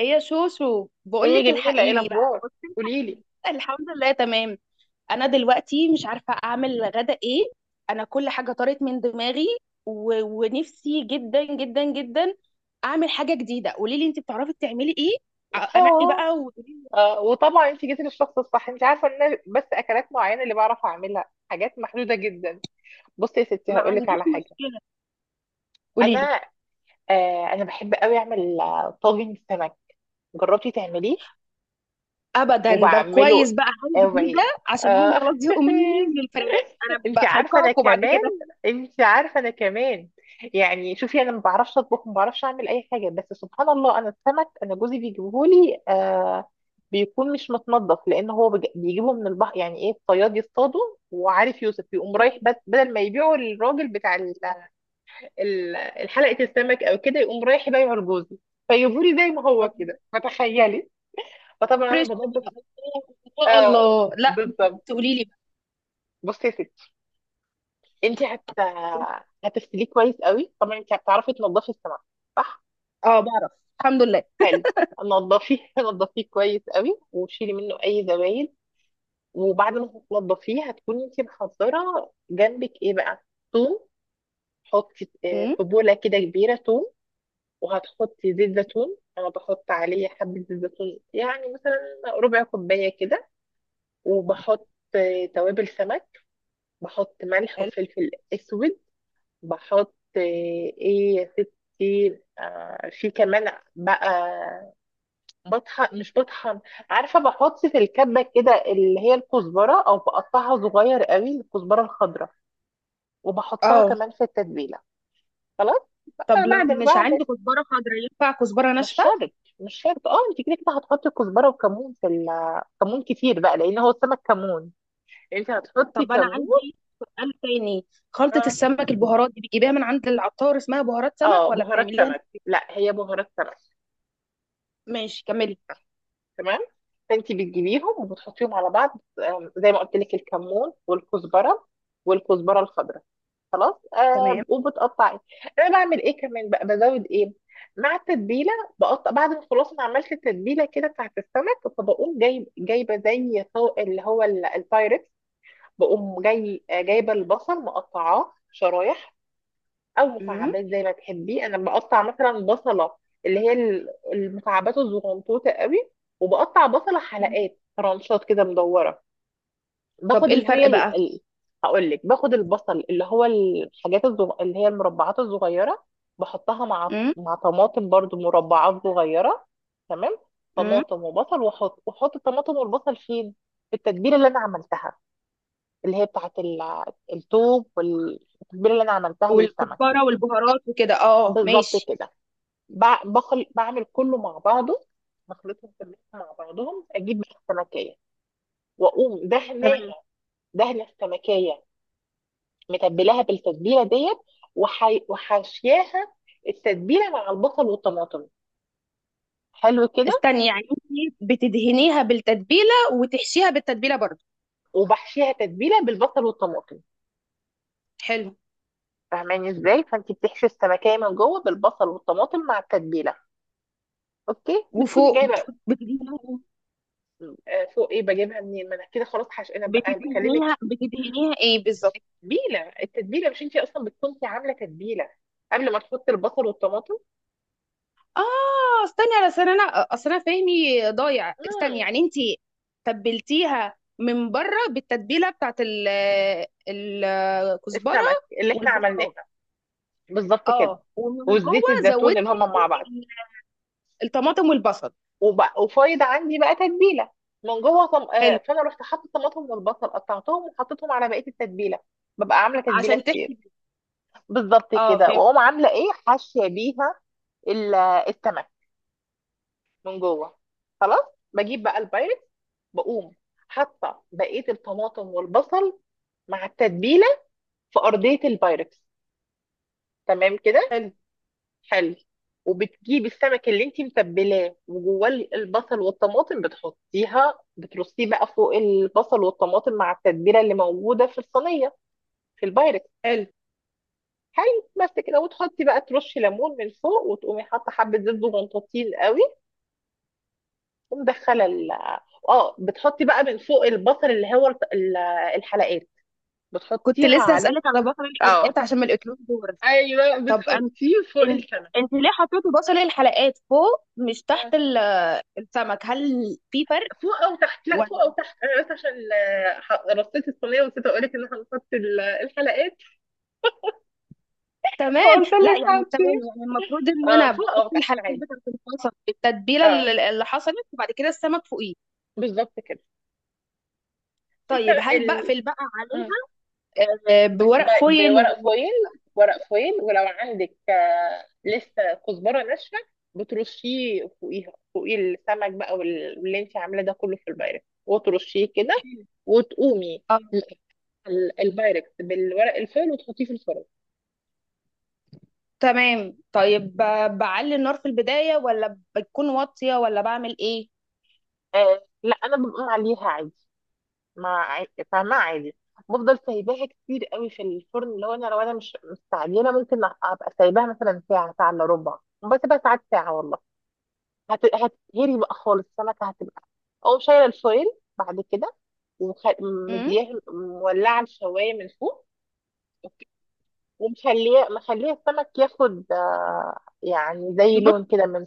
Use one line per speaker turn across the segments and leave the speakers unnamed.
ايه يا شوشو؟ بقول
هي
لك
جميلة، ايه
الحقيني بقى،
الأخبار؟
بصي،
قوليلي.
الحقيني. الحمد لله تمام. انا دلوقتي مش عارفه اعمل غدا ايه. انا كل حاجه طارت من دماغي ونفسي جدا جدا جدا اعمل حاجه جديده. قولي لي، انت بتعرفي تعملي ايه؟ انقي
اه.
بقى وقولي لي.
وطبعا انت جيتي للشخص الصح، انت عارفة ان أنا بس اكلات معينة اللي بعرف اعملها، حاجات محدودة جدا. بصي يا ستي
ما
هقولك
عنديش
على حاجة.
مشكله. قولي لي.
انا انا بحب قوي اعمل طاجن سمك. جربتي تعمليه؟
ابدا، ده كويس
وبعمله
بقى، حاجه جديده.
قوي.
عشان هم
اه.
خلاص زهقوا مني للفراخ، انا
انت عارفه انا
هيقاكوا بعد
كمان
كده.
انت عارفه انا كمان. يعني شوفي، انا ما بعرفش اطبخ، ما بعرفش اعمل اي حاجه، بس سبحان الله انا السمك، انا جوزي بيجيبهولي. بيكون مش متنضف لان هو بيجيبه من البحر، يعني ايه الصياد يصطاده، وعارف يوسف يقوم رايح بدل ما يبيعه للراجل بتاع ال- الحلقه، السمك او كده يقوم رايح يبيعه لجوزي، فيجيبهولي زي ما هو كده، فتخيلي. فطبعا انا
فريش بقى.
بنضف.
ان شاء الله لا.
بالظبط.
تقولي لي بقى.
بصي يا ستي، انت هت هتغسليه كويس قوي، طبعا انت هتعرفي تنضفي السمك، صح؟
اه، بعرف. الحمد لله.
حلو. نضفيه نضفيه كويس قوي، وشيلي منه اي زبايل. وبعد ما تنضفيه هتكوني انت محضره جنبك ايه بقى؟ ثوم. حطي
امم.
في بوله كده كبيره ثوم. وهتحطي زيت زيتون، انا بحط عليه حبه زيت زيتون، يعني مثلا ربع كوبايه كده. وبحط اه، توابل سمك. بحط ملح
حلو.
وفلفل اسود. بحط آه، ايه يا ستي آه، في كمان بقى. بطحن مش بطحن، عارفة بحط في الكبة كده اللي هي الكزبرة، او بقطعها صغير قوي الكزبرة الخضراء وبحطها
اه.
كمان في التتبيلة. خلاص.
طب
بقى بعد
لو
ما
مش
بعمل.
عندي كزبرة خضراء، ينفع كزبرة
مش
ناشفة؟
شرط، مش شرط. اه انت كده كده هتحطي كزبرة وكمون في كمون كتير بقى لان هو السمك كمون، انت هتحطي
طب انا
كمون.
عندي سؤال تاني. خلطة
اه.
السمك، البهارات دي، بتجيبيها من عند العطار اسمها بهارات سمك، ولا
بهارات
بتعمليها انت
سمك،
في البيت؟
لا هي بهارات سمك.
ماشي، كملي.
تمام. فانت بتجيبيهم وبتحطيهم على بعض. زي ما قلت لك الكمون والكزبره، والكزبره الخضراء. خلاص.
تمام.
آه وبتقطعي. انا بعمل ايه كمان بقى، بزود ايه مع التتبيله. بقطع بعد ما خلاص ما عملت التتبيله كده بتاعت السمك، فبقوم جايبه زي اللي هو البايركس. بقوم جايبه البصل مقطعاه شرايح او
امم.
مكعبات زي ما تحبي. انا بقطع مثلا بصله اللي هي المكعبات الزغنطوطه قوي، وبقطع بصله حلقات رانشات كده مدوره.
طب
باخد
ايه
اللي هي
الفرق بقى؟
هقول لك، باخد البصل اللي هو الحاجات اللي هي المربعات الصغيره، بحطها مع
امم.
طماطم برضو مربعات صغيره. تمام.
امم.
طماطم وبصل، واحط الطماطم والبصل فين؟ في التتبيله اللي انا عملتها، اللي هي بتاعت التوم، والتتبيله اللي انا عملتها للسمك.
والكزبرة والبهارات وكده، اه اه،
بالظبط
ماشي.
كده. بخل بعمل كله مع بعضه، بخلطهم كلهم مع بعضهم، اجيب بقى السمكيه واقوم
تمام.
دهناها. دهنه السمكيه متبلاها بالتتبيله ديت، وحاشياها التتبيله مع البصل والطماطم. حلو كده.
استني، يعني انت بتدهنيها بالتتبيلة وتحشيها بالتتبيلة برضو؟
وبحشيها تتبيله بالبصل والطماطم.
حلو.
فاهماني ازاي؟ فانت بتحشي السمكيه من جوه بالبصل والطماطم مع التتبيله. اوكي. بتكوني
وفوق
جايبه.
بتحط بتدهنيها؟
فوق ايه بجيبها منين، ما انا كده خلاص حش، انا بقى أنا بكلمك.
بتدهنيها ايه بالظبط؟
تتبيله، التتبيله، مش انت اصلا بتكوني عامله تتبيله قبل ما تحطي البصل والطماطم.
اه. استني، على اصل انا اصل انا فهمي ضايع. استني،
امم.
يعني انت تبلتيها من بره بالتتبيله بتاعت الكزبره
السمك اللي احنا عملناه.
والبهارات.
بالظبط كده.
اه، ومن
والزيت
جوه
الزيتون اللي هما
زودتي
مع بعض.
الطماطم والبصل.
وبقى وفايض عندي بقى تتبيله من جوه طم... آه،
حلو.
فانا رحت حاطه الطماطم والبصل قطعتهم وحطيتهم على بقيه التتبيله. ببقى عامله تتبيله
عشان
كتير.
تحمي.
بالظبط
اه
كده،
فهمت.
واقوم عامله ايه، حاشيه بيها ال- السمك من جوه. خلاص. بجيب بقى البايركس، بقوم حاطه بقيه الطماطم والبصل مع التتبيله في ارضيه البايركس. تمام كده.
حلو.
حلو. وبتجيبي السمك اللي انت متبلاه وجواه البصل والطماطم، بتحطيها بترصيه بقى فوق البصل والطماطم مع التتبيله اللي موجوده في الصينيه، في البايركس.
حلو.
حلو. بس كده. وتحطي بقى، ترشي ليمون من فوق، وتقومي حاطه حبه زيت زغنطوطين قوي، ومدخله ال. اه، بتحطي بقى من فوق البصل اللي هو الحلقات،
كنت
بتحطيها
لسه
عليه.
هسألك على بصل الحلقات،
اه.
عشان ما الاكلوش دور.
ايوه
طب انت،
بتحطيه فوق
انت
السمك.
انت ليه حطيتي بصل الحلقات فوق مش تحت السمك؟ هل في فرق؟
فوق او تحت، لا
ولا.
فوق او تحت، انا بس عشان رصيت الصينيه ونسيت اقول لك ان احنا هنحط الحلقات.
تمام.
فقلت
لا
لك
يعني،
حطي.
تمام يعني المفروض ان
اه،
انا
فوق
بحط
او تحت
الحلقات
عادي.
بتاعت البصل بالتتبيله
اه،
اللي حصلت، وبعد كده السمك فوقيه.
بالظبط كده. انت
طيب، هل
ال...
بقفل بقى
مم.
عليها؟ آه،
ب...
بورق
ب...
فويل
بورق
و...
فويل. ورق فويل ولو عندك لسه كزبره ناشفه بترشيه فوقيها، فوقيه السمك بقى، واللي انت عاملاه ده كله في البايركس وترشيه كده، وتقومي
آه،
ال- البايركس بالورق الفويل وتحطيه في الفرن.
تمام. طيب، بعلي النار في البدايه، ولا بتكون واطيه، ولا بعمل ايه؟
آه لا، انا بقوم عليها عادي. ما عا- فاهمة، عادي. بفضل سايباها كتير قوي في الفرن، اللي هو انا لو انا مش مستعجله ممكن ابقى سايباها مثلا ساعه، ساعه الا ربع، بسيبها ساعات ساعه والله. هتتهري بقى خالص، السمكه هتبقى، او شايله الفويل بعد كده
امم.
ومدياها، مولعه الشوايه من فوق، ومخليه السمك ياخد يعني زي لون كده من.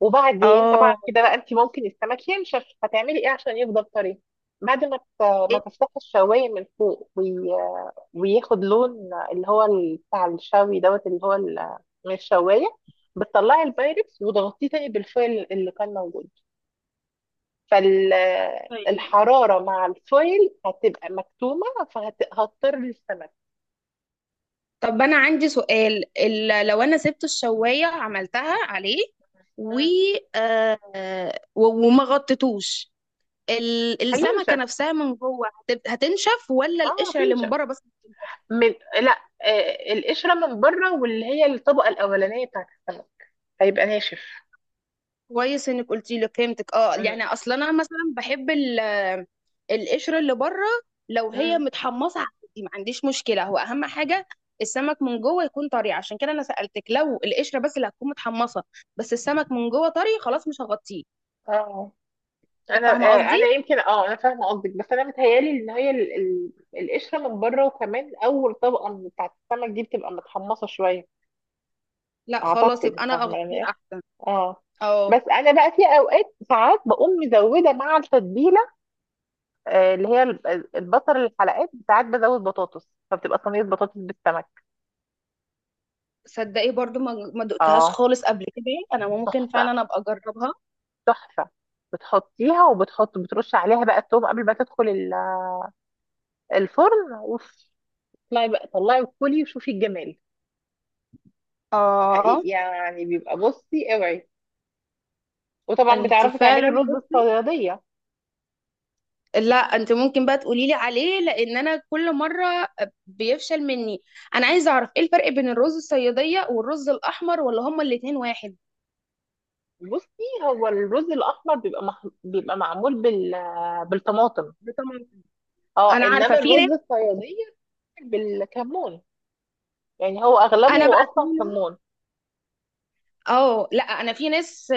وبعدين طبعا
اه.
كده بقى، انت ممكن السمك ينشف، هتعملي ايه عشان يفضل طري؟ بعد ما ت-
إيه.
ما تفتحي الشوايه من فوق وياخد لون، اللي هو بتاع الشوي دوت اللي هو من الشوايه، بتطلعي البايركس وتغطيه تاني بالفويل اللي كان موجود،
طيب.
فالحراره مع الفويل هتبقى مكتومه، فهتضطر السمك.
طب انا عندي سؤال، لو انا سبت الشوايه عملتها عليه و
مم.
وما غطيتوش، السمكة
هينشف.
نفسها من جوه هتنشف، ولا
اه
القشرة اللي من
بينشف.
بره بس؟
من. لا. القشره من بره واللي هي الطبقه الاولانيه بتاعت السمك هيبقى ناشف.
كويس انك قلتي لي. فهمتك. اه
امم.
يعني اصلا انا مثلا بحب القشرة اللي بره، لو هي
امم.
متحمصة عادي، ما عنديش مشكلة. هو اهم حاجة السمك من جوه يكون طري، عشان كده انا سألتك. لو القشرة بس اللي هتكون متحمصة، بس السمك من جوه طري، خلاص مش هغطيه.
اه
كده
انا
فاهمة
آه انا
قصدي؟
يمكن، اه انا فاهمه قصدك، بس انا متهيالي ان هي القشره من بره وكمان اول طبقه من بتاعت السمك دي بتبقى متحمصه شويه.
لا خلاص
اعتقد
يبقى انا
فاهمه يعني
اغطيه
ايه.
احسن.
اه.
اه.
بس انا بقى في اوقات ساعات بقوم مزوده مع التتبيله اللي هي البصل الحلقات، ساعات بزود بطاطس، فبتبقى صينيه بطاطس بالسمك.
صدقي، برضو ما دقتهاش
اه.
خالص قبل كده. انا ممكن
تحفه،
فعلا ابقى اجربها.
تحفه. بتحطيها وبتحط بترش عليها بقى التوم قبل ما تدخل الفرن اوف. طلعي بقى، طلعي وكلي وشوفي الجمال.
اه.
حقيقي يعني بيبقى، بصي اوعي. وطبعا
انت
بتعرفي تعملي
فعلا
الرز الصياديه.
لا، انت ممكن بقى تقولي لي عليه، لان انا كل مره بيفشل مني. انا عايزه اعرف ايه الفرق بين الرز الصياديه والرز الاحمر؟ ولا هما الاتنين واحد؟
بصي، هو الرز الاحمر بيبقى بيبقى معمول بالطماطم.
بطماطم.
اه،
انا عارفه
انما
في ناس.
الرز الصياديه بالكمون، يعني هو
انا
اغلبه
بقى في
اصلا
ناس.
كمون.
اه لا، انا في ناس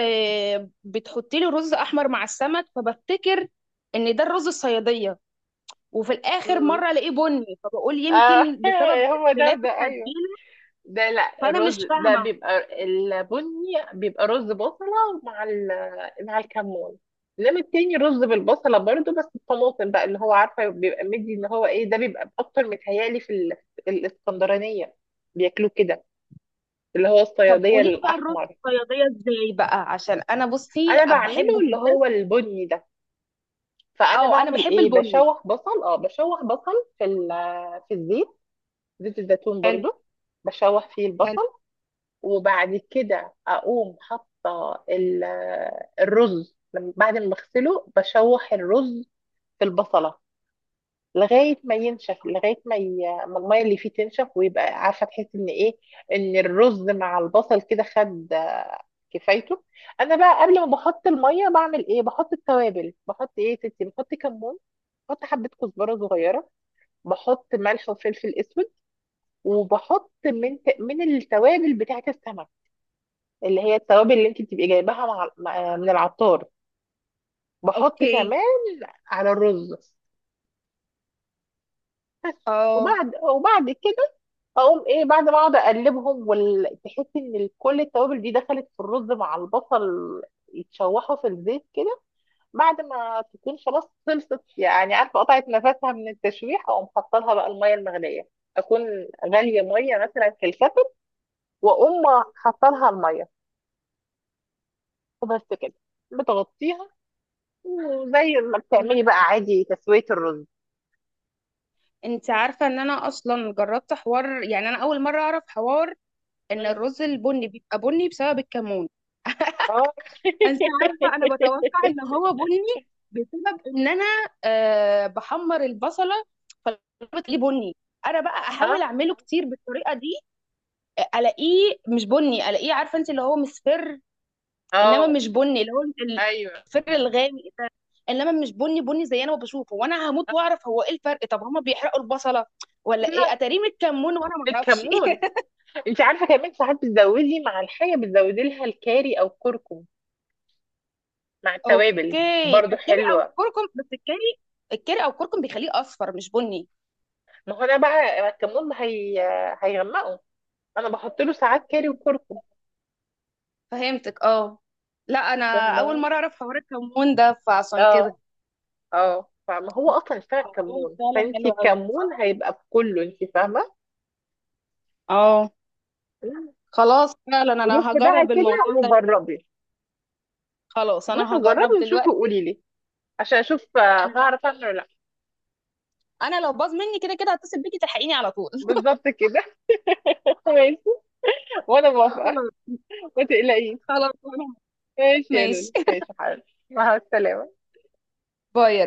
بتحط لي رز احمر مع السمك، فبفتكر ان ده الرز الصياديه، وفي الاخر
امم.
مره الاقيه بني، فبقول
آه
يمكن بسبب
هو ده
اختلاف
ده ايوه
التتبيله.
ده. لا
فانا
الرز
مش
ده
فاهمه.
بيبقى البني، بيبقى رز بصلة مع ال، مع الكمون. انما التاني رز بالبصلة برضو بس الطماطم بقى، اللي هو عارفة بيبقى مدي اللي هو ايه ده، بيبقى اكتر متهيألي في الاسكندرانية بياكلوه كده، اللي هو
طب
الصيادية
قولي لي بقى الرز
الأحمر.
الصياديه ازاي بقى، عشان انا بصي
أنا بعمله
بحبه
اللي
جدا.
هو البني ده. فأنا
اه، انا
بعمل
بحب
ايه،
البني.
بشوح بصل، اه بشوح بصل في في الزيت، زيت الزيتون
حلو.
برضو، بشوح فيه
حلو.
البصل. وبعد كده اقوم حاطه الرز، بعد ما بغسله بشوح الرز في البصله لغايه ما ينشف، لغايه ما ما الميه اللي فيه تنشف ويبقى عارفه تحس ان ايه، ان الرز مع البصل كده خد كفايته. انا بقى قبل ما بحط الميه بعمل ايه، بحط التوابل، بحط ايه يا ستي، بحط كمون، بحط حبه كزبره صغيره، بحط ملح وفلفل اسود، وبحط من التوابل بتاعه السمك، اللي هي التوابل اللي انت بتبقي جايباها مع من العطار، بحط
اوكي.
كمان على الرز.
اه.
وبعد كده اقوم ايه، بعد ما اقعد اقلبهم وتحس ان كل التوابل دي دخلت في الرز مع البصل، يتشوحوا في الزيت كده، بعد ما تكون خلاص خلصت، يعني عارفه قطعت نفسها من التشويح، اقوم حاطه لها بقى الميه المغليه، اكون غاليه ميه مثلا في الكتل، واقوم حاطه لها الميه وبس كده، بتغطيها زي ما
مم.
بتعملي بقى عادي تسوية الرز.
انت عارفه ان انا اصلا جربت حوار؟ يعني انا اول مره اعرف حوار ان
مم.
الرز البني بيبقى بني بسبب الكمون.
اه
انت عارفه انا بتوقع ان هو بني بسبب ان انا بحمر البصله، فبتلاقيه بني. انا بقى
اه.
احاول اعمله كتير بالطريقه دي، الاقيه مش بني، الاقيه، عارفه انت، اللي هو مصفر. انما
اه.
مش بني، اللي هو
ايوه.
الفر الغامق ده. انما مش بني بني زي انا ما بشوفه، وانا هموت
آه.
واعرف هو ايه الفرق. طب هما بيحرقوا البصله، ولا ايه،
لا،
اتاريه متكمون وانا ما اعرفش.
بالكمون. انت عارفه كمان ساعات بتزودي مع الحاجه بتزودي لها الكاري او الكركم مع التوابل.
اوكي،
برضو
الكاري او
حلوه.
الكركم، بس الكاري. الكاري او الكركم بيخليه اصفر مش بني.
ما هو انا بقى الكمون هي هيغمقه، انا بحط له ساعات كاري وكركم.
فهمتك، اه. لا، انا اول
فاهمة؟
مره اعرف حوار الكمون ده، فعشان
اه.
كده
اه فما هو اصلا اشتغل
الموضوع
كمون،
فعلا
فانت
حلو قوي.
الكمون هيبقى في كله، انت فاهمه.
اه.
مم.
خلاص، فعلا انا
روحي بقى
هجرب
كده
الموضوع ده.
وجربي.
خلاص
بصي
انا هجرب
جربي وشوفي
دلوقتي.
وقولي لي عشان اشوف
انا
هعرف انا ولا لا.
انا لو باظ مني، كده كده هتصل بيكي تلحقيني على طول.
بالظبط كده. ماشي. وانا موافقه.
خلاص.
ما تقلقيش.
خلاص.
ماشي يا
ماشي.
لولو، ماشي يا حبيبي. مع السلامه.
باي.